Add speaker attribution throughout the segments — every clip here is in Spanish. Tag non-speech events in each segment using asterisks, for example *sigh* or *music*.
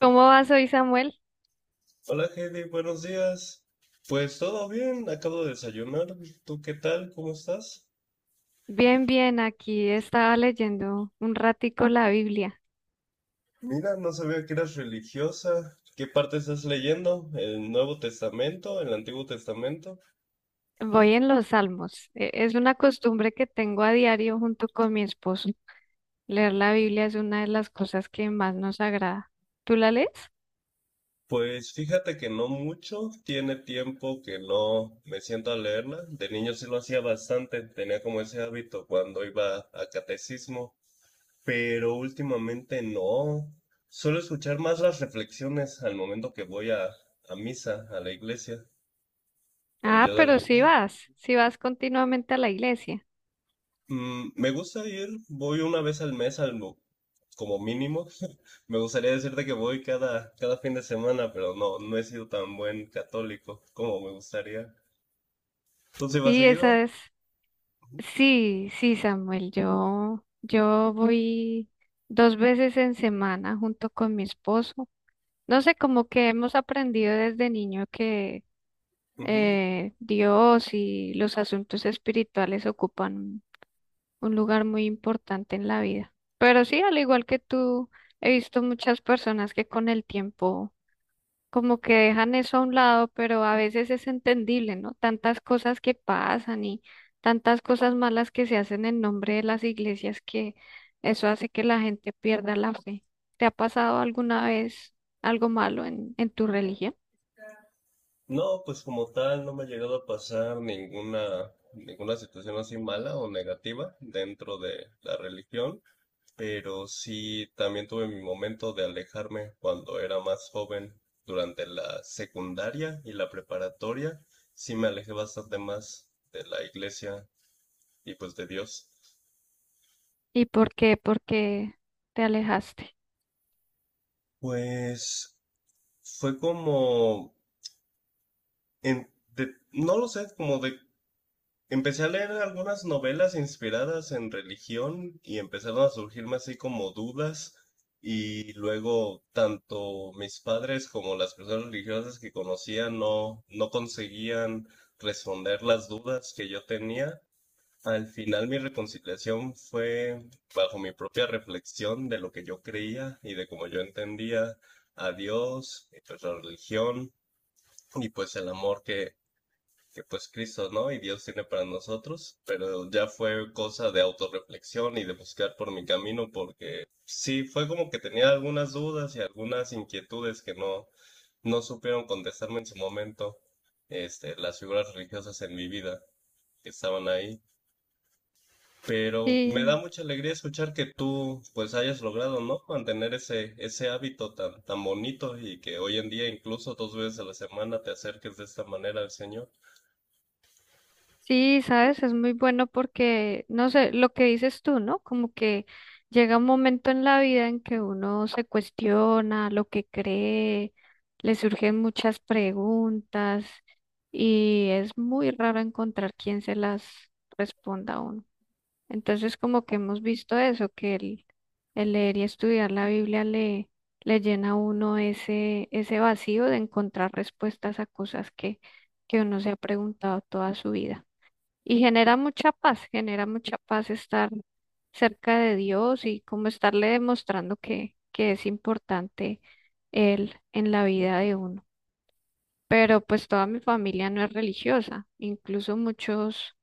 Speaker 1: ¿Cómo vas hoy, Samuel?
Speaker 2: Hola, Heidi, buenos días. Pues todo bien, acabo de desayunar. ¿Tú qué tal? ¿Cómo estás?
Speaker 1: Bien, bien, aquí estaba leyendo un ratico la Biblia.
Speaker 2: Mira, no sabía que eras religiosa. ¿Qué parte estás leyendo? ¿El Nuevo Testamento? ¿El Antiguo Testamento?
Speaker 1: Voy en los Salmos. Es una costumbre que tengo a diario junto con mi esposo. Leer la Biblia es una de las cosas que más nos agrada. ¿Tú la lees?
Speaker 2: Pues fíjate que no mucho. Tiene tiempo que no me siento a leerla. De niño sí lo hacía bastante. Tenía como ese hábito cuando iba a catecismo. Pero últimamente no. Suelo escuchar más las reflexiones al momento que voy a misa, a la iglesia. Pero
Speaker 1: Ah,
Speaker 2: yo de
Speaker 1: pero
Speaker 2: leer,
Speaker 1: sí vas continuamente a la iglesia.
Speaker 2: me gusta ir, voy una vez al mes, como mínimo. *laughs* Me gustaría decirte que voy cada fin de semana, pero no he sido tan buen católico como me gustaría. ¿Tú sí vas
Speaker 1: Sí,
Speaker 2: seguido?
Speaker 1: esa es. Sí, sí, Samuel, yo voy dos veces en semana junto con mi esposo. No sé, como que hemos aprendido desde niño que
Speaker 2: Ujú.
Speaker 1: Dios y los asuntos espirituales ocupan un lugar muy importante en la vida. Pero sí, al igual que tú, he visto muchas personas que con el tiempo como que dejan eso a un lado, pero a veces es entendible, ¿no? Tantas cosas que pasan y tantas cosas malas que se hacen en nombre de las iglesias que eso hace que la gente pierda la fe. ¿Te ha pasado alguna vez algo malo en tu religión?
Speaker 2: No, pues como tal, no me ha llegado a pasar ninguna situación así mala o negativa dentro de la religión. Pero sí también tuve mi momento de alejarme cuando era más joven, durante la secundaria y la preparatoria, sí me alejé bastante más de la iglesia y pues de Dios.
Speaker 1: ¿Y por qué? ¿Por qué te alejaste?
Speaker 2: Pues fue como, en, no lo sé, como de empecé a leer algunas novelas inspiradas en religión y empezaron a surgirme así como dudas y luego tanto mis padres como las personas religiosas que conocía no conseguían responder las dudas que yo tenía. Al final mi reconciliación fue bajo mi propia reflexión de lo que yo creía y de cómo yo entendía a Dios, y pues la religión y pues el amor que pues Cristo, ¿no? Y Dios tiene para nosotros, pero ya fue cosa de autorreflexión y de buscar por mi camino, porque sí, fue como que tenía algunas dudas y algunas inquietudes que no supieron contestarme en su momento, las figuras religiosas en mi vida que estaban ahí. Pero me da
Speaker 1: Sí,
Speaker 2: mucha alegría escuchar que tú pues hayas logrado, ¿no? Mantener ese hábito tan, tan bonito y que hoy en día incluso dos veces a la semana te acerques de esta manera al Señor.
Speaker 1: sí, sabes, es muy bueno porque, no sé, lo que dices tú, ¿no? Como que llega un momento en la vida en que uno se cuestiona lo que cree, le surgen muchas preguntas y es muy raro encontrar quien se las responda a uno. Entonces, como que hemos visto eso, que el leer y estudiar la Biblia le llena a uno ese vacío de encontrar respuestas a cosas que uno se ha preguntado toda su vida. Y genera mucha paz estar cerca de Dios y como estarle demostrando que es importante Él en la vida de uno. Pero pues toda mi familia no es religiosa, incluso muchos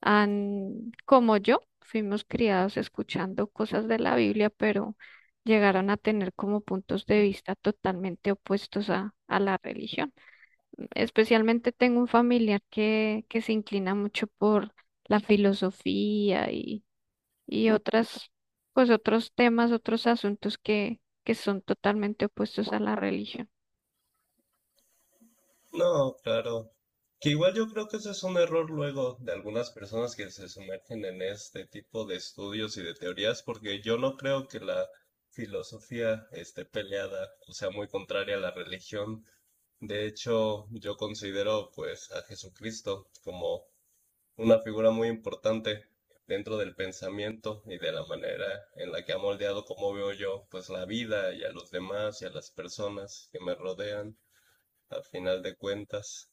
Speaker 1: han, como yo, fuimos criados escuchando cosas de la Biblia, pero llegaron a tener como puntos de vista totalmente opuestos a la religión. Especialmente tengo un familiar que se inclina mucho por la filosofía y otras, pues otros temas, otros asuntos que son totalmente opuestos a la religión.
Speaker 2: No, claro. Que igual yo creo que ese es un error luego de algunas personas que se sumergen en este tipo de estudios y de teorías, porque yo no creo que la filosofía esté peleada o sea muy contraria a la religión. De hecho, yo considero pues a Jesucristo como una figura muy importante dentro del pensamiento y de la manera en la que ha moldeado cómo veo yo pues la vida y a los demás y a las personas que me rodean al final de cuentas.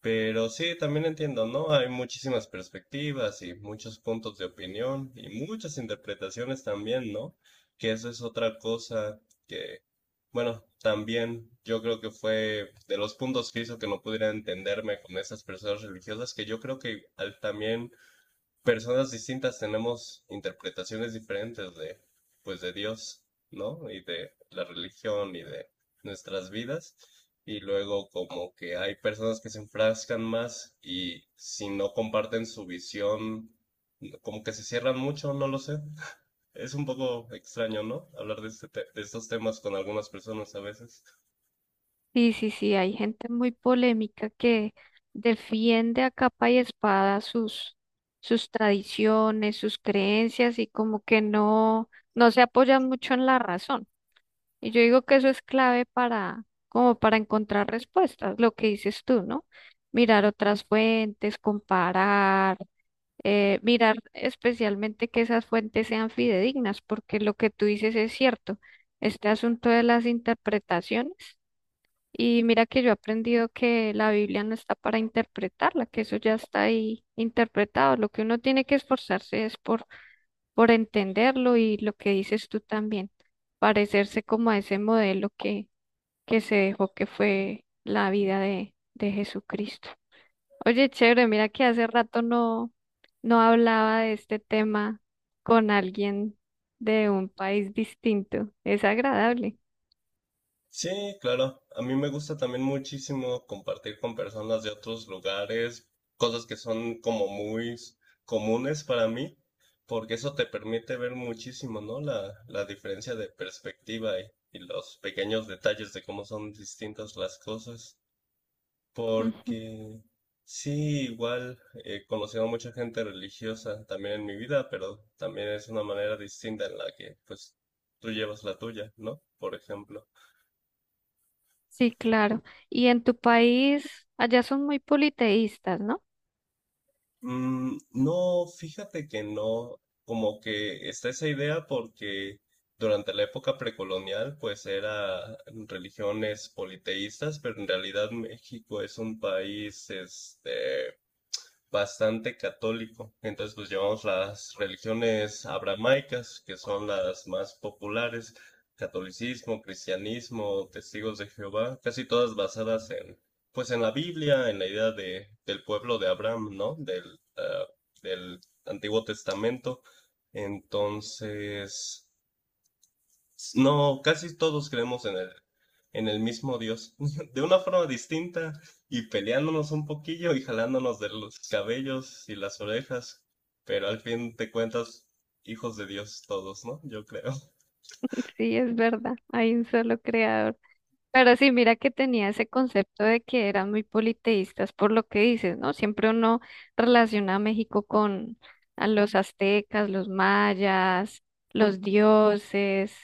Speaker 2: Pero sí, también entiendo, ¿no? Hay muchísimas perspectivas y muchos puntos de opinión y muchas interpretaciones también, ¿no? Que eso es otra cosa que, bueno, también yo creo que fue de los puntos que hizo que no pudiera entenderme con esas personas religiosas, que yo creo que también personas distintas tenemos interpretaciones diferentes de, pues, de Dios, ¿no? Y de la religión y de nuestras vidas. Y luego como que hay personas que se enfrascan más y si no comparten su visión, como que se cierran mucho, no lo sé. Es un poco extraño, ¿no? Hablar de, de estos temas con algunas personas a veces.
Speaker 1: Sí, sí, sí, hay gente muy polémica que defiende a capa y espada sus, sus tradiciones, sus creencias y como que no, no se apoyan mucho en la razón. Y yo digo que eso es clave para, como para encontrar respuestas, lo que dices tú, ¿no? Mirar otras fuentes, comparar, mirar especialmente que esas fuentes sean fidedignas, porque lo que tú dices es cierto. Este asunto de las interpretaciones. Y mira que yo he aprendido que la Biblia no está para interpretarla, que eso ya está ahí interpretado. Lo que uno tiene que esforzarse es por entenderlo y lo que dices tú también, parecerse como a ese modelo que se dejó que fue la vida de Jesucristo. Oye, chévere, mira que hace rato no, no hablaba de este tema con alguien de un país distinto. Es agradable.
Speaker 2: Sí, claro. A mí me gusta también muchísimo compartir con personas de otros lugares, cosas que son como muy comunes para mí, porque eso te permite ver muchísimo, ¿no? La diferencia de perspectiva y los pequeños detalles de cómo son distintas las cosas. Porque sí, igual he conocido a mucha gente religiosa también en mi vida, pero también es una manera distinta en la que pues tú llevas la tuya, ¿no? Por ejemplo.
Speaker 1: Sí, claro. Y en tu país, allá son muy politeístas, ¿no?
Speaker 2: Mm, no, fíjate que no, como que está esa idea porque durante la época precolonial pues era religiones politeístas, pero en realidad México es un país este bastante católico. Entonces, pues llevamos las religiones abramaicas, que son las más populares, catolicismo, cristianismo, testigos de Jehová, casi todas basadas en, pues en la Biblia, en la idea del pueblo de Abraham, ¿no? Ah, del Antiguo Testamento. Entonces, no, casi todos creemos en el mismo Dios, *laughs* de una forma distinta y peleándonos un poquillo y jalándonos de los cabellos y las orejas, pero al fin de cuentas, hijos de Dios todos, ¿no? Yo creo.
Speaker 1: *laughs* Sí, es verdad, hay un solo creador. Pero sí, mira que tenía ese concepto de que eran muy politeístas por lo que dices, ¿no? Siempre uno relaciona a México con a los aztecas, los mayas, los dioses.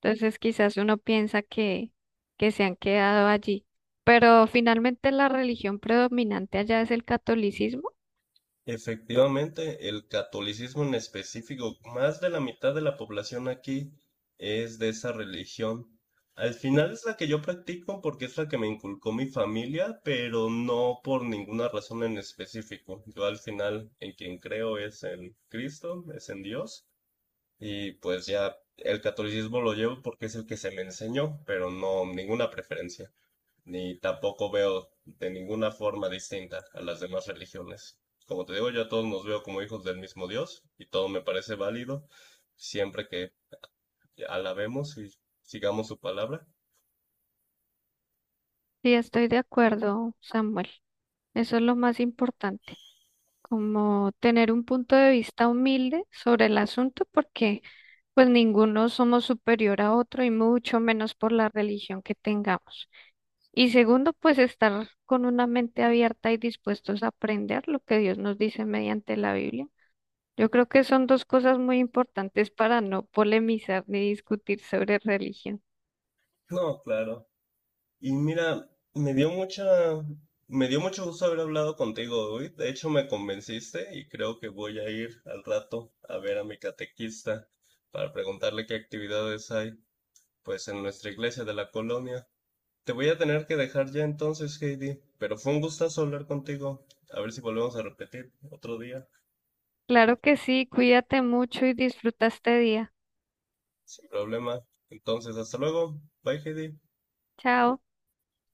Speaker 1: Entonces, quizás uno piensa que se han quedado allí. Pero finalmente la religión predominante allá es el catolicismo.
Speaker 2: Efectivamente, el catolicismo en específico, más de la mitad de la población aquí es de esa religión. Al final es la que yo practico porque es la que me inculcó mi familia, pero no por ninguna razón en específico. Yo al final en quien creo es en Cristo, es en Dios, y pues ya el catolicismo lo llevo porque es el que se me enseñó, pero no ninguna preferencia ni tampoco veo de ninguna forma distinta a las demás religiones. Como te digo, yo a todos nos veo como hijos del mismo Dios y todo me parece válido siempre que alabemos y sigamos su palabra.
Speaker 1: Sí, estoy de acuerdo, Samuel. Eso es lo más importante, como tener un punto de vista humilde sobre el asunto, porque pues ninguno somos superior a otro y mucho menos por la religión que tengamos. Y segundo, pues estar con una mente abierta y dispuestos a aprender lo que Dios nos dice mediante la Biblia. Yo creo que son dos cosas muy importantes para no polemizar ni discutir sobre religión.
Speaker 2: No, claro. Y mira, me dio mucha, me dio mucho gusto haber hablado contigo hoy. De hecho, me convenciste y creo que voy a ir al rato a ver a mi catequista para preguntarle qué actividades hay, pues, en nuestra iglesia de la colonia. Te voy a tener que dejar ya entonces, Heidi, pero fue un gustazo hablar contigo. A ver si volvemos a repetir otro día,
Speaker 1: Claro que sí, cuídate mucho y disfruta este día.
Speaker 2: sin problema. Entonces, hasta luego. Bye, Heidi.
Speaker 1: Chao.